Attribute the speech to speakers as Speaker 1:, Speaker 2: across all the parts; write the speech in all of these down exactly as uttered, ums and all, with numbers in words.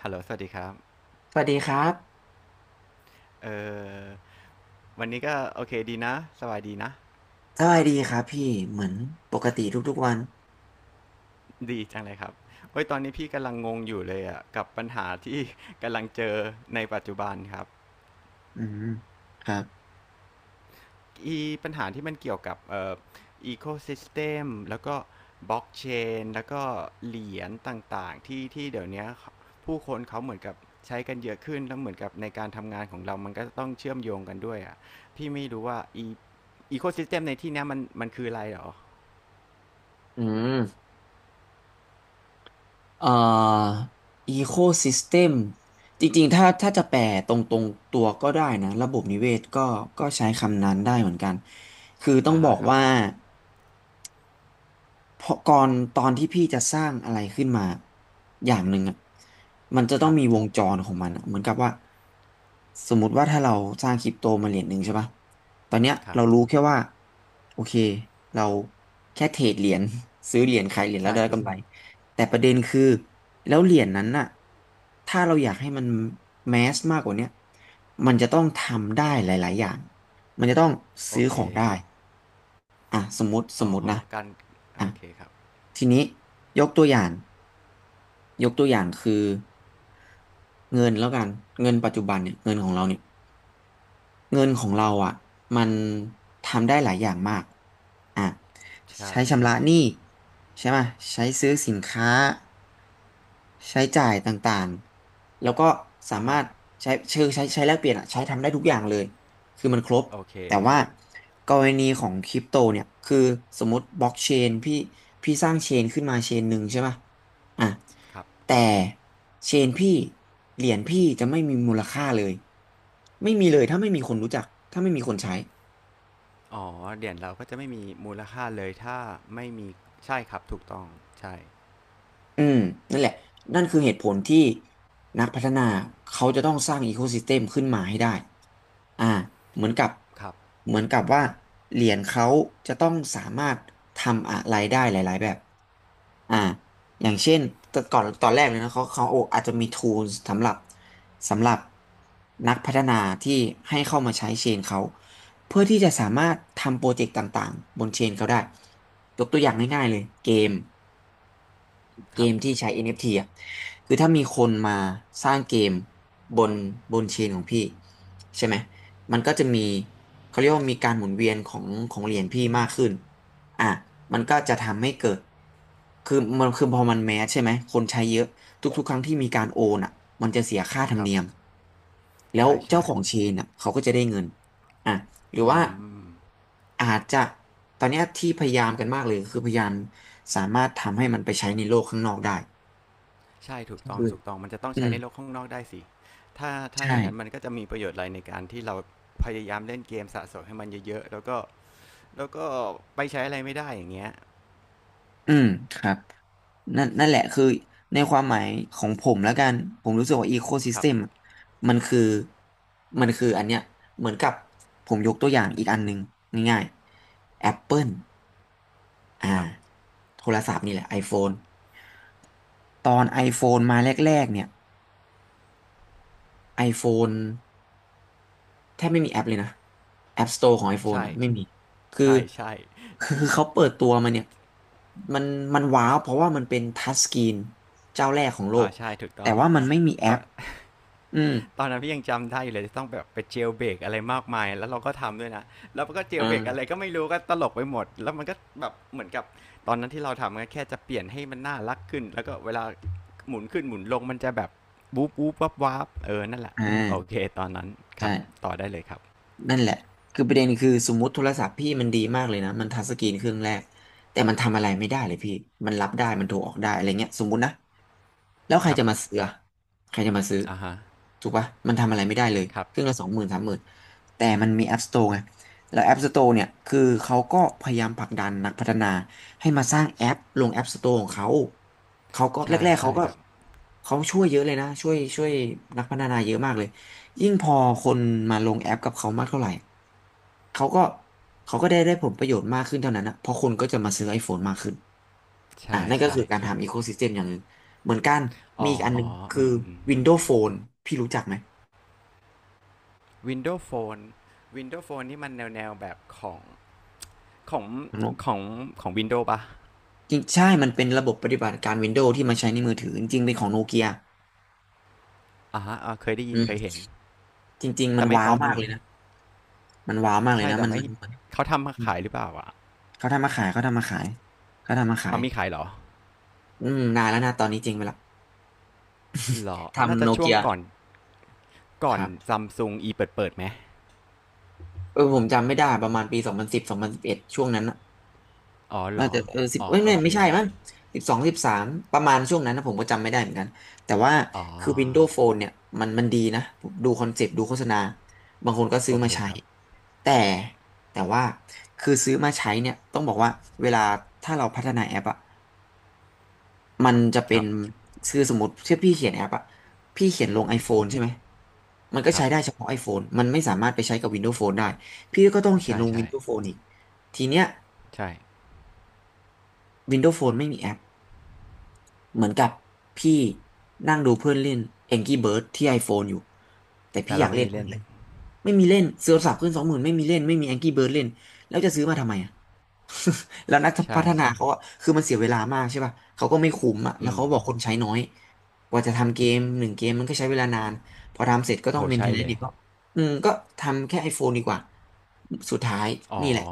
Speaker 1: ฮัลโหลสวัสดีครับ
Speaker 2: สวัสดีครับ
Speaker 1: เออวันนี้ก็โอเคดีนะสบายดีนะ
Speaker 2: สบายดีครับพี่ เหมือนปกติทุกๆวัน
Speaker 1: ดีจังเลยครับเว้ยตอนนี้พี่กำลังงงอยู่เลยอ่ะกับปัญหาที่ กำลังเจอในปัจจุบันครับ
Speaker 2: อืม ครับ
Speaker 1: อีปัญหาที่มันเกี่ยวกับเอ่ออีโคซิสเต็มแล้วก็บล็อกเชนแล้วก็เหรียญต่างๆที่ที่เดี๋ยวเนี้ยผู้คนเขาเหมือนกับใช้กันเยอะขึ้นแล้วเหมือนกับในการทำงานของเรามันก็ต้องเชื่อมโยงกันด้วยอ่ะพี่ไม่รู้ว่าอีโคซิสเต็มในที่เนี้ยมันมันคืออะไรหรอ
Speaker 2: อืม เอ่อ ecosystem จริงๆ ถ้าถ้าจะแปลตรงๆตัวก็ได้นะ ระบบนิเวศก็ก็ใช้คำนั้นได้เหมือนกัน คือต้อง
Speaker 1: อ่า
Speaker 2: บอ
Speaker 1: ฮะ
Speaker 2: ก
Speaker 1: ครับ
Speaker 2: ว่า เพราะก่อนตอนที่พี่จะสร้างอะไรขึ้นมาอย่างหนึ่งอ่ะมันจะ
Speaker 1: ค
Speaker 2: ต้อง
Speaker 1: รับ
Speaker 2: มีวงจรของมันอะเหมือนกับว่าสมมติว่าถ้าเราสร้างคริปโตมาเหรียญหนึ่งใช่ปะตอนเนี้ย
Speaker 1: ครั
Speaker 2: เรา
Speaker 1: บ
Speaker 2: รู้แค่ว่าโอเคเราแค่เทรดเหรียญ ซื้อเหรียญขายเหรียญแล้ว
Speaker 1: ใช่
Speaker 2: ได้
Speaker 1: ถูก
Speaker 2: กำไรแต่ประเด็นคือแล้วเหรียญนั้นน่ะถ้าเราอยากให้มันแมสมากกว่าเนี้ยมันจะต้องทำได้หลายๆอย่างมันจะต้อง
Speaker 1: โอ
Speaker 2: ซื้อ
Speaker 1: เค
Speaker 2: ของได้ อ่ะสมมติส
Speaker 1: อ๋
Speaker 2: ม
Speaker 1: อ
Speaker 2: มติ
Speaker 1: ฮะ
Speaker 2: นะ
Speaker 1: การ
Speaker 2: อ่ะ
Speaker 1: โอเคครับ
Speaker 2: ทีนี้ยกตัวอย่างยกตัวอย่างคือเงินแล้วกันเงินปัจจุบันเนี่ยเงินของเราเนี่ย เงินของเราอ่ะมันทำได้หลายอย่างมากอ่ะ
Speaker 1: ใช่
Speaker 2: ใช้ชำ
Speaker 1: ใช่
Speaker 2: ระหนี้ใช่ไหมใช้ซื้อสินค้าใช้จ่ายต่างๆแล้วก็สา
Speaker 1: อะ
Speaker 2: มา
Speaker 1: ฮะ
Speaker 2: รถใช้เชิงใช้ใช้แลกเปลี่ยนอ่ะใช้ทำได้ทุกอย่างเลยคือมันครบ
Speaker 1: โอเค
Speaker 2: แต่ว่ากรณีของคริปโตเนี่ยคือสมมติบล็อกเชนพี่พี่สร้างเชนขึ้นมาเชนหนึ่งใช่ไหม อ่ะ
Speaker 1: ครับ
Speaker 2: แต่เชนพี่เหรียญพี่จะไม่มีมูลค่าเลยไม่มีเลยถ้าไม่มีคนรู้จักถ้าไม่มีคนใช้
Speaker 1: อ๋อเหรียญเราก็จะไม่มีมูลค่าเลยถ้าไม่มีใช่ครับถูกต้องใช่
Speaker 2: อืมนั่นแหละ นั่นคือเหตุผลที่นักพัฒนาเขาจะต้องสร้างอีโคซิสเต็มขึ้นมาให้ได้อ่าเหมือนกับ
Speaker 1: ครับ
Speaker 2: เหมือนกับว่าเหรียญเขาจะต้องสามารถทำอะไรได้หลายๆแบบอ่าอย่างเช่นแต่ก่อนตอนแรกเลยนะเขาเขาโออาจจะมี tools สำหรับสำหรับนักพัฒนาที่ให้เข้ามาใช้เชนเขาเพื่อที่จะสามารถทำโปรเจกต์ต่างๆบนเชนเขาได้ยกตัวอย่างง่ายๆเลยเกม เก
Speaker 1: ครับ
Speaker 2: มที่ใช้ เอ็น เอฟ ที อนเอฟทีอ่ะคือถ้ามีคนมาสร้างเกมบนบนเชนของพี่ใช่ไหมมันก็จะมีเขาเรียกว่ามีการหมุนเวียนของของเหรียญพี่มากขึ้นอ่ะมันก็จะทำให้เกิด คือมันคือพอมันแมสใช่ไหม คนใช้เยอะ ทุกๆครั้งที่มีการโอนอ่ะมันจะเสียค่าธรร
Speaker 1: ค
Speaker 2: ม
Speaker 1: รั
Speaker 2: เนี
Speaker 1: บ
Speaker 2: ยม แล้ว
Speaker 1: ใช่
Speaker 2: เจ้า
Speaker 1: ใช่
Speaker 2: ของเชนอ่ะเขาก็จะได้เงินอ่ะ หรือ
Speaker 1: อื
Speaker 2: ว่า
Speaker 1: ม
Speaker 2: อาจจะตอนเนี้ยที่พยายามกันมากเลยคือพยายามสามารถทำให้มันไปใช้ในโลกข้างนอกได้
Speaker 1: ใช่ถูกต้อง
Speaker 2: คือ
Speaker 1: ถูกต้องมันจะต้อง
Speaker 2: อื
Speaker 1: ใช้
Speaker 2: ม
Speaker 1: ในโลกข้างนอกได้สิถ้าถ้า
Speaker 2: ใช่
Speaker 1: อย่างนั้นมันก็จะมีประโยชน์อะไรในการที่เราพยายามเล่นเกมสะสมให้มันเยอะๆแล้วก็แล้วก็ไปใช้อะไรไม่ได้อย่างเงี้ย
Speaker 2: อืมครับนั่นนั่นแหละคือในความหมายของผมแล้วกันผมรู้สึกว่าอีโคซิ
Speaker 1: ค
Speaker 2: ส
Speaker 1: รับ
Speaker 2: เต็มมันคือมันคืออันเนี้ยเหมือนกับผมยกตัวอย่างอีกอันหนึ่งง่ายๆ Apple อ่า
Speaker 1: ครับ
Speaker 2: โทรศัพท์นี่แหละ iPhone ตอน iPhone มาแรกๆเนี่ย iPhone แทบไม่มีแอปเลยนะ App Store ของ iPhone
Speaker 1: ใช่
Speaker 2: อ่ะไม่มีคือ
Speaker 1: ใช่ใช่
Speaker 2: คือคือเขาเปิดตัวมาเนี่ยมันมันว้าวเพราะว่ามันเป็นทัชสกรีนเจ้าแรกของโล
Speaker 1: อ่า
Speaker 2: ก
Speaker 1: ใช่ถูก
Speaker 2: แต่
Speaker 1: ต้อง
Speaker 2: ว่ามันไม่มีแอ
Speaker 1: ตอ
Speaker 2: ป
Speaker 1: น
Speaker 2: อืม
Speaker 1: ตอนนั้นพี่ยังจำได้อยู่เลยจะต้องแบบไปเจลเบรกอะไรมากมายแล้วเราก็ทำด้วยนะแล้วมันก็เจล
Speaker 2: อ่า
Speaker 1: เบรกอะไรก็ไม่รู้ก็ตลกไปหมดแล้วมันก็แบบเหมือนกับตอนนั้นที่เราทำก็แค่จะเปลี่ยนให้มันน่ารักขึ้นแล้วก็เวลาหมุนขึ้นหมุนลงมันจะแบบวูบวูบวับวับเออนั่นแหละ
Speaker 2: อ่
Speaker 1: โอ
Speaker 2: า
Speaker 1: เคตอนนั้นครับ
Speaker 2: ใช่
Speaker 1: ต่อได้เลยครับ
Speaker 2: นั่นแหละคือประเด็นคือสมมติโทรศัพท์พี่มันดีมากเลยนะ มันทัชสกรีนเครื่องแรกแต่มันทำอะไรไม่ได้เลยพี่มันรับได้ มันโทรออกได้อะไรเงี้ยสมมตินะแล้วใคร
Speaker 1: ครับ
Speaker 2: จะมาซื้ออะใครจะมาซื้อ
Speaker 1: อ่าฮะ
Speaker 2: ถูกปะมันทำอะไรไม่ได้เลย
Speaker 1: ครับ
Speaker 2: เครื่องละสองหมื่นสามหมื่นแต่มันมี App Store ไงแล้ว App Store เนี่ยคือเขาก็พยายามผลักดันนักพัฒนาให้มาสร้างแอปลง App Store ของเขาเขาก็แร
Speaker 1: ใช่
Speaker 2: กๆเขา
Speaker 1: ใช่
Speaker 2: ก็
Speaker 1: ครับ
Speaker 2: เขาช่วยเยอะเลยนะช่วยช่วยนักพัฒนาเยอะมากเลย ยิ่งพอคนมาลงแอปกับเขามากเท่าไหร่เขาก็เขาก็ได้ได้ผลประโยชน์มากขึ้นเท่านั้นนะเพราะคนก็จะมาซื้อ iPhone มากขึ้นอ่ะ
Speaker 1: ใช่
Speaker 2: นั่นก็
Speaker 1: ใช่
Speaker 2: คือการ
Speaker 1: ครับ
Speaker 2: ทำอีโคซิสเต็มอย่างหนึ่งเหมือนกัน มี
Speaker 1: อ๋อ
Speaker 2: อีกอันหนึ่ง
Speaker 1: อื
Speaker 2: คือ
Speaker 1: มอืม
Speaker 2: Windows Phone พี่รู้จักไหม
Speaker 1: Windows Phone Windows Phone นี่มันแนวแนวแบบของ ของ
Speaker 2: น้องนก
Speaker 1: ของของวินโดว์ปะ
Speaker 2: จริงใช่มันเป็นระบบปฏิบัติการ Windows ที่มาใช้ในมือถือจริงๆเป็นของโนเกีย
Speaker 1: อ่าฮะเคยได้ยิ
Speaker 2: อื
Speaker 1: น
Speaker 2: ม
Speaker 1: เคยเห็น
Speaker 2: จริงๆมั
Speaker 1: แต่
Speaker 2: น
Speaker 1: ไม่
Speaker 2: ว้า
Speaker 1: ป๊
Speaker 2: ว
Speaker 1: อป
Speaker 2: มาก
Speaker 1: นี่
Speaker 2: เลยนะ มันว้าวมากเลย
Speaker 1: ใช่
Speaker 2: นะ
Speaker 1: แต่
Speaker 2: มัน
Speaker 1: ไม่
Speaker 2: มันมัน
Speaker 1: เขาทำมา
Speaker 2: อืม
Speaker 1: ขายหรือเปล่าอะ
Speaker 2: เขาทำมาขายเขาทำมาขายเขาทำมาขา
Speaker 1: เอา
Speaker 2: ย
Speaker 1: มีขายเหรอ
Speaker 2: อืมนานแล้วนะตอนนี้จริงไปละ
Speaker 1: เหรอน่า
Speaker 2: ทำ
Speaker 1: จะ
Speaker 2: โน
Speaker 1: ช่ว
Speaker 2: เกี
Speaker 1: ง
Speaker 2: ย
Speaker 1: ก่อนก่อ
Speaker 2: ค
Speaker 1: น
Speaker 2: รับ
Speaker 1: ซัมซุงอีเปิดเปิดไหม
Speaker 2: เออผมจำไม่ได้ประมาณปีสองพันสิบสองพันสิบเอ็ดช่วงนั้นน่ะ
Speaker 1: อ๋อเหร
Speaker 2: น่า
Speaker 1: อ
Speaker 2: จะเออสิบ
Speaker 1: อ๋อ
Speaker 2: เอ้ย
Speaker 1: โอ
Speaker 2: ไม่
Speaker 1: เค
Speaker 2: ไม่ใช่มั้งสิบสองสิบสามประมาณช่วงนั้นนะผมก็จำไม่ได้เหมือนกันแต่ว่า
Speaker 1: อ๋อ
Speaker 2: คือ Windows Phone เนี่ยมันมันดีนะผมดูคอนเซ็ปต์ดูโฆษณาบางคนก็ซื้
Speaker 1: โอ
Speaker 2: อ
Speaker 1: เค
Speaker 2: มาใช้
Speaker 1: ครับ
Speaker 2: แต่แต่ว่าคือซื้อมาใช้เนี่ยต้องบอกว่าเวลาถ้าเราพัฒนาแอปอะ มันจะเป็
Speaker 1: ค
Speaker 2: น
Speaker 1: รับ
Speaker 2: คือสมมติที่พี่เขียนแอปอะพี่เขียนลง iPhone ใช่ไหม มันก็
Speaker 1: ครั
Speaker 2: ใช้
Speaker 1: บ
Speaker 2: ได้เฉพาะ iPhone มันไม่สามารถไปใช้กับ Windows Phone ได้ พี่ก็ต้องเขียน
Speaker 1: ใช่
Speaker 2: ลง
Speaker 1: ใช่
Speaker 2: Windows Phone อีก ทีเนี้ย
Speaker 1: ใช่
Speaker 2: Windows Phone ไม่มีแอป เหมือนกับพี่นั่งดูเพื่อนเล่น Angry Birds ที่ iPhone อยู่ แต่
Speaker 1: แต่
Speaker 2: พี่อ
Speaker 1: เรา
Speaker 2: ยาก
Speaker 1: ไม่
Speaker 2: เล่น
Speaker 1: มี
Speaker 2: มา
Speaker 1: เล่
Speaker 2: ก
Speaker 1: น
Speaker 2: เลย ไม่มีเล่นซื้อโทัพขึ้นสองหมื่นไม่มีเล่นไม่มีแองกี้เบิร์ดเล่นแล้วจะซื้อมาทำไมอ่ะ แล้วนักพั
Speaker 1: ใช่
Speaker 2: ฒนาเขาอะคือมันเสียเวลามากใช่ป่ะเขาก็ไม่คุ้มอ่ะแล้
Speaker 1: อื
Speaker 2: วเขาบอก
Speaker 1: ม
Speaker 2: คนใช้น้อยกว่าจะทำเกมหนึ่งเกมมันก็ใช้เวลานานพอทำเสร็จก็ต้
Speaker 1: โห
Speaker 2: องเมนเท
Speaker 1: ใช่
Speaker 2: นแนน
Speaker 1: เล
Speaker 2: ซ์
Speaker 1: ย
Speaker 2: อีกก็อืมก็ทำแค่ iPhone ดีกว่าสุดท้าย
Speaker 1: อ๋อ
Speaker 2: นี่แหละ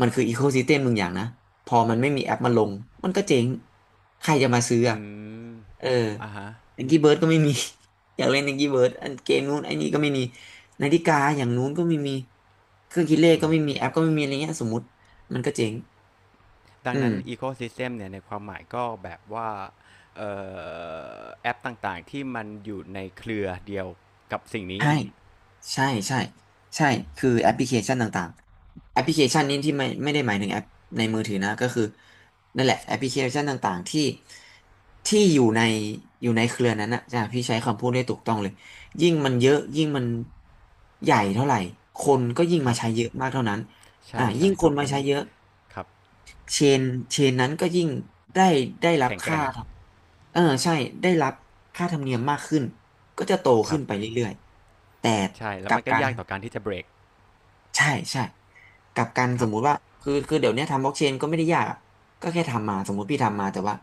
Speaker 2: มันคืออีโคซิสเต็มหนึ่งอย่างนะพอมันไม่มีแอปมาลงมันก็เจ๊งใครจะมาซื้ออะ
Speaker 1: อืม
Speaker 2: เออ
Speaker 1: อ่ะฮะ
Speaker 2: แองกี้เบิร์ดก็ไม่มี อยากเล่นนิกกี้เบิร์ดอันเกมนู้นไอ้นี่ก็ไม่มีนาฬิกาอย่างนู้นก็ไม่มีเครื่องคิดเลขก็ไม่มีแอปก็ไม่มีอะไรเงี้ยสมมติมันก็เจ๊ง
Speaker 1: ดั
Speaker 2: อื
Speaker 1: ง
Speaker 2: ม
Speaker 1: นั้น Ecosystem เนี่ยในความหมายก็แบบว่าเออแอปต่างๆที่มันอยู่ในเครือเดียวกับสิ่งนี้
Speaker 2: ใช่ใช่ใช่ใช่คือแอปพลิเคชันต่างๆแอปพลิเคชันนี้ที่ไม่ไม่ได้หมายถึงแอปในมือถือนะก็คือนั่นแหละแอปพลิเคชันต่างๆที่ที่อยู่ในอยู่ในเครือนั้นนะจ้ะพี่ใช้คำพูดได้ถูกต้องเลยยิ่งมันเยอะยิ่งมันใหญ่เท่าไหร่คนก็ยิ่ง
Speaker 1: ค
Speaker 2: มา
Speaker 1: รับ
Speaker 2: ใช้เยอะมากเท่านั้นอ่ะ
Speaker 1: ใช่
Speaker 2: ยิ่
Speaker 1: ใช่
Speaker 2: งค
Speaker 1: ถู
Speaker 2: น
Speaker 1: ก
Speaker 2: มา
Speaker 1: นั้น
Speaker 2: ใช้เยอะ
Speaker 1: ครับ
Speaker 2: เชนเชนนั้นก็ยิ่งได้ได้รับ
Speaker 1: แข็งแก
Speaker 2: ค่า
Speaker 1: ร่ง
Speaker 2: ครับเออใช่ได้รับค่าธรรมเนียมมากขึ้นก็จะโต
Speaker 1: ครั
Speaker 2: ขึ้
Speaker 1: บ
Speaker 2: นไปเรื่อยๆแต่
Speaker 1: ใช่
Speaker 2: ก
Speaker 1: แล้ว
Speaker 2: ลับ
Speaker 1: มันก็
Speaker 2: กัน
Speaker 1: ยากต่อการที่จะเบรก
Speaker 2: ใช่ใช่กลับกัน
Speaker 1: ค
Speaker 2: ส
Speaker 1: รั
Speaker 2: ม
Speaker 1: บ
Speaker 2: มุติว่าคือคือเดี๋ยวเนี้ยทำบล็อกเชนก็ไม่ได้ยากอะก็แค่ทำมาสมมุติพี่ทำมาแต่ว่า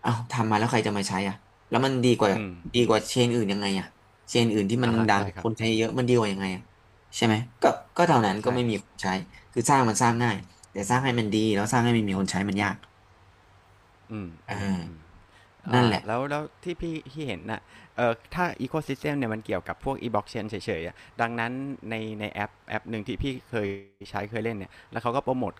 Speaker 2: เอ้าทำมาแล้วใครจะมาใช้อ่ะแล้วมันดีกว่า
Speaker 1: อืม
Speaker 2: ดีกว่าเชนอื่นยังไงอ่ะเชนอื่นที่มัน
Speaker 1: อ่าฮะ
Speaker 2: ดัง
Speaker 1: ใช่ค
Speaker 2: ๆค
Speaker 1: รับ
Speaker 2: นใช้เยอะมันดีกว่ายังไงอ่ะใช่ไหมก็ก็เท่านั้นก็
Speaker 1: ใช่
Speaker 2: ไม่มีคนใช้คือสร้างมันสร้างง่ายแต่สร้างให้มันดีแล้วสร้างให้มันมีคนใช้มันยาก
Speaker 1: อืม
Speaker 2: อ่
Speaker 1: อืมอืม
Speaker 2: านั่น
Speaker 1: อ่า
Speaker 2: แหละ
Speaker 1: แล้วแล้วที่พี่ที่เห็นน่ะเออถ้า ecosystem เนี่ยมันเกี่ยวกับพวก e-blockchain เฉยๆอะดังนั้นในในแอปแอปหนึ่งที่พี่เคยใช้เคยเล่นเนี่ย แล้วเขาก็โปรโมท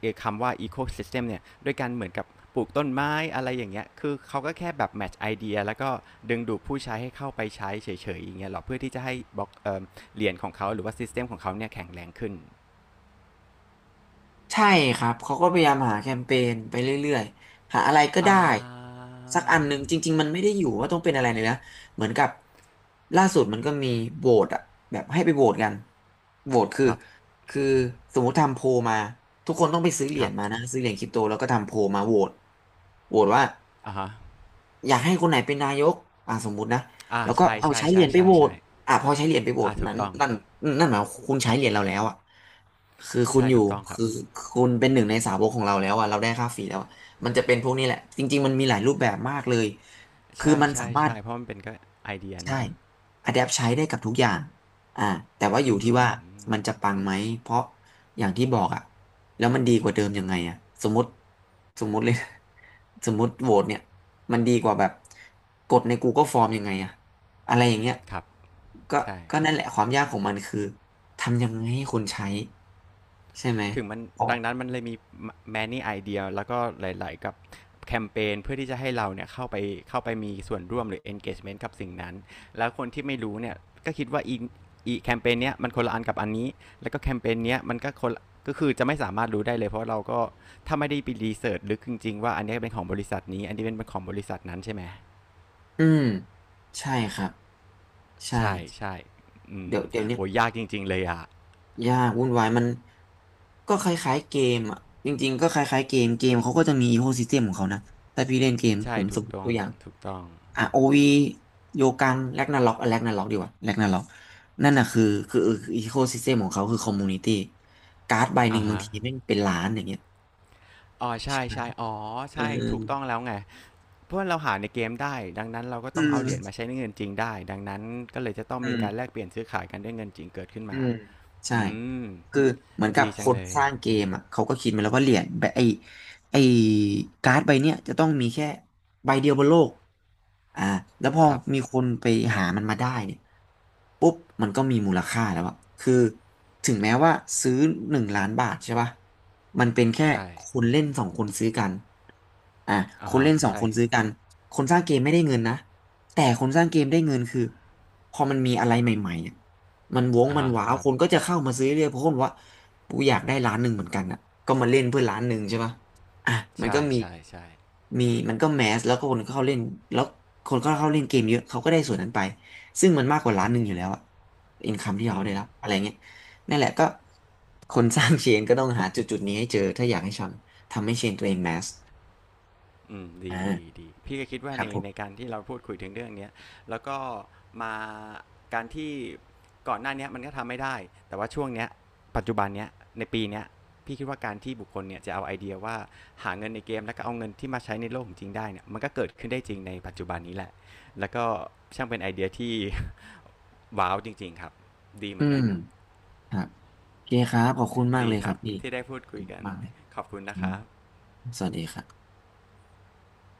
Speaker 1: เอ่อคำว่า ecosystem เนี่ยด้วยการเหมือนกับปลูกต้นไม้อะไรอย่างเงี้ย คือเขาก็แค่แบบ match idea แล้วก็ดึงดูดผู้ใช้ให้เข้าไปใช้เฉยๆอย่างเงี้ยหรอเพื่อที่จะให้บล็อกเอ่อเหรียญของเขาหรือว่า system ของเขาเนี่ยแข็งแรงขึ้น
Speaker 2: ใช่ครับ เขาก็พยายามหาแคมเปญไปเรื่อยๆ หาอะไรก็
Speaker 1: อ่
Speaker 2: ได้
Speaker 1: า
Speaker 2: สักอันหนึ่งจริงๆ มันไม่ได้อยู่ว่าต้องเป็นอะไรเลยนะเหมือนกับล่าสุดมันก็มีโหวตอะแบบให้ไปโหวตกันโหวตคือ
Speaker 1: ครับ
Speaker 2: คือสมมติทำโพลมา ทุกคนต้องไปซื้อเหรี
Speaker 1: ค
Speaker 2: ย
Speaker 1: รั
Speaker 2: ญ
Speaker 1: บ
Speaker 2: มานะ ซื้อเหรียญคริปโตแล้วก็ทำโพลมาโหวตโหวตว่า
Speaker 1: อ่าฮะ
Speaker 2: อยากให้คนไหนเป็นนายกอ่าสมมุตินะ
Speaker 1: อ่า
Speaker 2: แล้วก็
Speaker 1: ใช่
Speaker 2: เอา
Speaker 1: ใช่
Speaker 2: ใช้เหรี
Speaker 1: ใช่
Speaker 2: ยญไป
Speaker 1: ใช่
Speaker 2: โหวต
Speaker 1: ใช่
Speaker 2: อ่าพอใช้เหรียญไปโหวต
Speaker 1: อ่าถู
Speaker 2: นั้
Speaker 1: ก
Speaker 2: น
Speaker 1: ต้อง
Speaker 2: นั่นนั่นหมายความคุณใช้เหรียญเราแล้วอ่ะคือคุณ
Speaker 1: ใช่
Speaker 2: อยู่
Speaker 1: ถูกต้องครับ
Speaker 2: คือคุณเป็นหนึ่งในสาวกของเราแล้วอ่ะเราได้ค่าฟรีแล้วอะมันจะเป็นพวกนี้แหละ จริงๆมันมีหลายรูปแบบมากเลย คือ
Speaker 1: ใช่
Speaker 2: มันสา
Speaker 1: ใช่
Speaker 2: มารถ
Speaker 1: ใช่เพราะมันเป็นก็ไอเดีย
Speaker 2: ใช่
Speaker 1: นะ
Speaker 2: Adapt ใช้ได้กับทุกอย่างอ่าแต่ว่าอ
Speaker 1: อื
Speaker 2: ยู่
Speaker 1: อ
Speaker 2: ที่
Speaker 1: หื
Speaker 2: ว่า
Speaker 1: อ
Speaker 2: มันจะปังไหม เพราะอย่างที่บอกอะแล้วมันดีกว่าเดิมยังไงอะสมมติสมมติเลย สมมติโหวตเนี่ย มันดีกว่าแบบกดใน Google Form ยังไงอะอะไรอย่างเงี้ย
Speaker 1: ครับ
Speaker 2: ก็
Speaker 1: ใช่
Speaker 2: ก็นั่นแหละความยากของมันคือทำยังไงให้คนใช้ใช่ไหม
Speaker 1: ถึงมัน
Speaker 2: อ๋อ
Speaker 1: ดังนั้นมันเลยมี many idea แล้วก็หลายๆ กับแคมเปญเพื่อที่จะให้เราเนี่ยเข้าไปเข้าไปมีส่วนร่วมหรือ engagement กับสิ่งนั้น แล้วคนที่ไม่รู้เนี่ย ก็คิดว่าอีอีแคมเปญเนี้ยมันคนละอันกับอันนี้ แล้วก็แคมเปญเนี้ยมันก็คนละก็คือจะไม่สามารถรู้ได้เลย เพราะเราก็ถ้าไม่ได้ไปรีเสิร์ชลึกจริงๆว่าอันเนี้ยเป็นของบริษัทนี้อันนี้เป็นของบริษัทนั้นใช่ไหม
Speaker 2: อืมใช่ครับใช่
Speaker 1: ใช่ใช่อืม
Speaker 2: เดี๋ยวเดี๋ยวนี้
Speaker 1: โหยากจริงๆเลยอ่ะ
Speaker 2: ยากวุ่นวายมันก็คล้ายๆเกมอ่ะจริงๆก็คล้ายๆเกมเกมเขาก็จะมีอีโคซิสเต็มของเขานะถ้าพี่เล่นเกม
Speaker 1: ใช่
Speaker 2: ผมส
Speaker 1: ถู
Speaker 2: ม
Speaker 1: ก
Speaker 2: มติ
Speaker 1: ต้อ
Speaker 2: ตั
Speaker 1: ง
Speaker 2: วอย่าง
Speaker 1: ถูกต้อง
Speaker 2: อ่ะโอวีโยกังแรกนาล็อกแรกนาล็อกดีกว่าแรกนาล็อกนั่นน่ะคือคืออีโคซิสเต็มของเขาคือคอมมูนิตี้การ์ดใบหนึ่
Speaker 1: อ่า
Speaker 2: งบาง
Speaker 1: ฮะ
Speaker 2: ทีแม่งเป็นล้านอย่างเงี้ย
Speaker 1: อ๋อใช่
Speaker 2: ใช่ไหม
Speaker 1: ใช่อ๋อ
Speaker 2: เออ
Speaker 1: ใช่ถูกต้องแล้วไงเพราะว่าเราหาในเกมได้ ดังนั้นเราก็
Speaker 2: อื
Speaker 1: ต้องเอาเหรียญ
Speaker 2: ม
Speaker 1: มาใช้ในเงินจริงได้ ดังนั้นก็เลยจะต้อง
Speaker 2: อื
Speaker 1: มี
Speaker 2: ม
Speaker 1: การแลกเปลี่ยนซื้อขายกันด้วยเงินจริงเกิดขึ้น
Speaker 2: อื
Speaker 1: มา
Speaker 2: มใช่
Speaker 1: อืม
Speaker 2: คือเหมือนกับ
Speaker 1: ดี
Speaker 2: ค
Speaker 1: จัง
Speaker 2: น
Speaker 1: เลย
Speaker 2: สร้างเกมอ่ะเขาก็คิดมาแล้วว่าเหรียญแบบไอ้ไอ้การ์ดใบเนี้ยจะต้องมีแค่ใบเดียวบนโลกอ่าแล้วพอ
Speaker 1: ครับ
Speaker 2: มีคนไปหามันมาได้เนี่ยปุ๊บมันก็มีมูลค่าแล้วอะคือถึงแม้ว่าซื้อหนึ่งล้านบาทใช่ป่ะมันเป็นแค่
Speaker 1: ใช่
Speaker 2: คนเล่นสองคนซื้อกันอ่าค
Speaker 1: อ่า
Speaker 2: น
Speaker 1: ฮะ
Speaker 2: เล่นสอง
Speaker 1: ใช่
Speaker 2: คนซื้อกันคนสร้างเกมไม่ได้เงินนะแต่คนสร้างเกมได้เงินคือพอมันมีอะไรใหม่ๆอะ มันวง
Speaker 1: อ่า
Speaker 2: มัน
Speaker 1: ฮะ
Speaker 2: หวาว
Speaker 1: ครั
Speaker 2: ค
Speaker 1: บ
Speaker 2: นก็จะเข้ามาซื้อเรื่อยเพราะคนบอกว่ากูอยากได้ร้านหนึ่งเหมือนกันอ่ะก็มาเล่นเพื่อร้านหนึ่งใช่ปะอ่ะมันก็
Speaker 1: ใช่
Speaker 2: มี
Speaker 1: ใช่ใช่
Speaker 2: มีมันก็แมสแล้วก็คนเข้าเล่นแล้วคนก็เข้าเล่นเกมเยอะเขาก็ได้ส่วนนั้นไปซึ่งมันมากกว่าร้านหนึ่งอยู่แล้วอะอินคัมที่เขา
Speaker 1: อืม
Speaker 2: ได้รับอะไรเงี้ยนั่นแหละก็คนสร้างเชนก็ต้องหาจุดจุดนี้ให้เจอถ้าอยากให้ทำทำให้เชนตัวเองแมส
Speaker 1: อืมดีดี
Speaker 2: อ่า
Speaker 1: ดีพี่ก็คิด
Speaker 2: ค
Speaker 1: ว่า
Speaker 2: รับ
Speaker 1: ใน
Speaker 2: ผ
Speaker 1: ใน
Speaker 2: ม
Speaker 1: การที่เราพูดคุยถึงเรื่องเนี้ยแล้วก็มาการที่ก่อนหน้าเนี้ยมันก็ทำไม่ได้แต่ว่าช่วงเนี้ยปัจจุบันเนี้ยในปีเนี้ยพี่คิดว่าการที่บุคคลเนี่ยจะเอาไอเดียว่าหาเงินในเกมแล้วก็เอาเงินที่มาใช้ในโลกของจริงได้เนี่ยมันก็เกิดขึ้นได้จริงในปัจจุบันนี้แหละแล้วก็ช่างเป็นไอเดียที่ ว้าวจริงๆครับดีเห
Speaker 2: อื
Speaker 1: มือน
Speaker 2: ม
Speaker 1: กันครับ
Speaker 2: ครับโอเคครับขอบคุณมาก
Speaker 1: ดี
Speaker 2: เลย
Speaker 1: ค
Speaker 2: ครั
Speaker 1: รั
Speaker 2: บ
Speaker 1: บ
Speaker 2: พี่
Speaker 1: ที่ได้พูด
Speaker 2: ขอ
Speaker 1: คุ
Speaker 2: บ
Speaker 1: ย
Speaker 2: คุณ
Speaker 1: กัน
Speaker 2: มากเลย
Speaker 1: ขอบคุณ
Speaker 2: ค
Speaker 1: นะ
Speaker 2: รั
Speaker 1: ค
Speaker 2: บ
Speaker 1: รับ
Speaker 2: สวัสดีครับ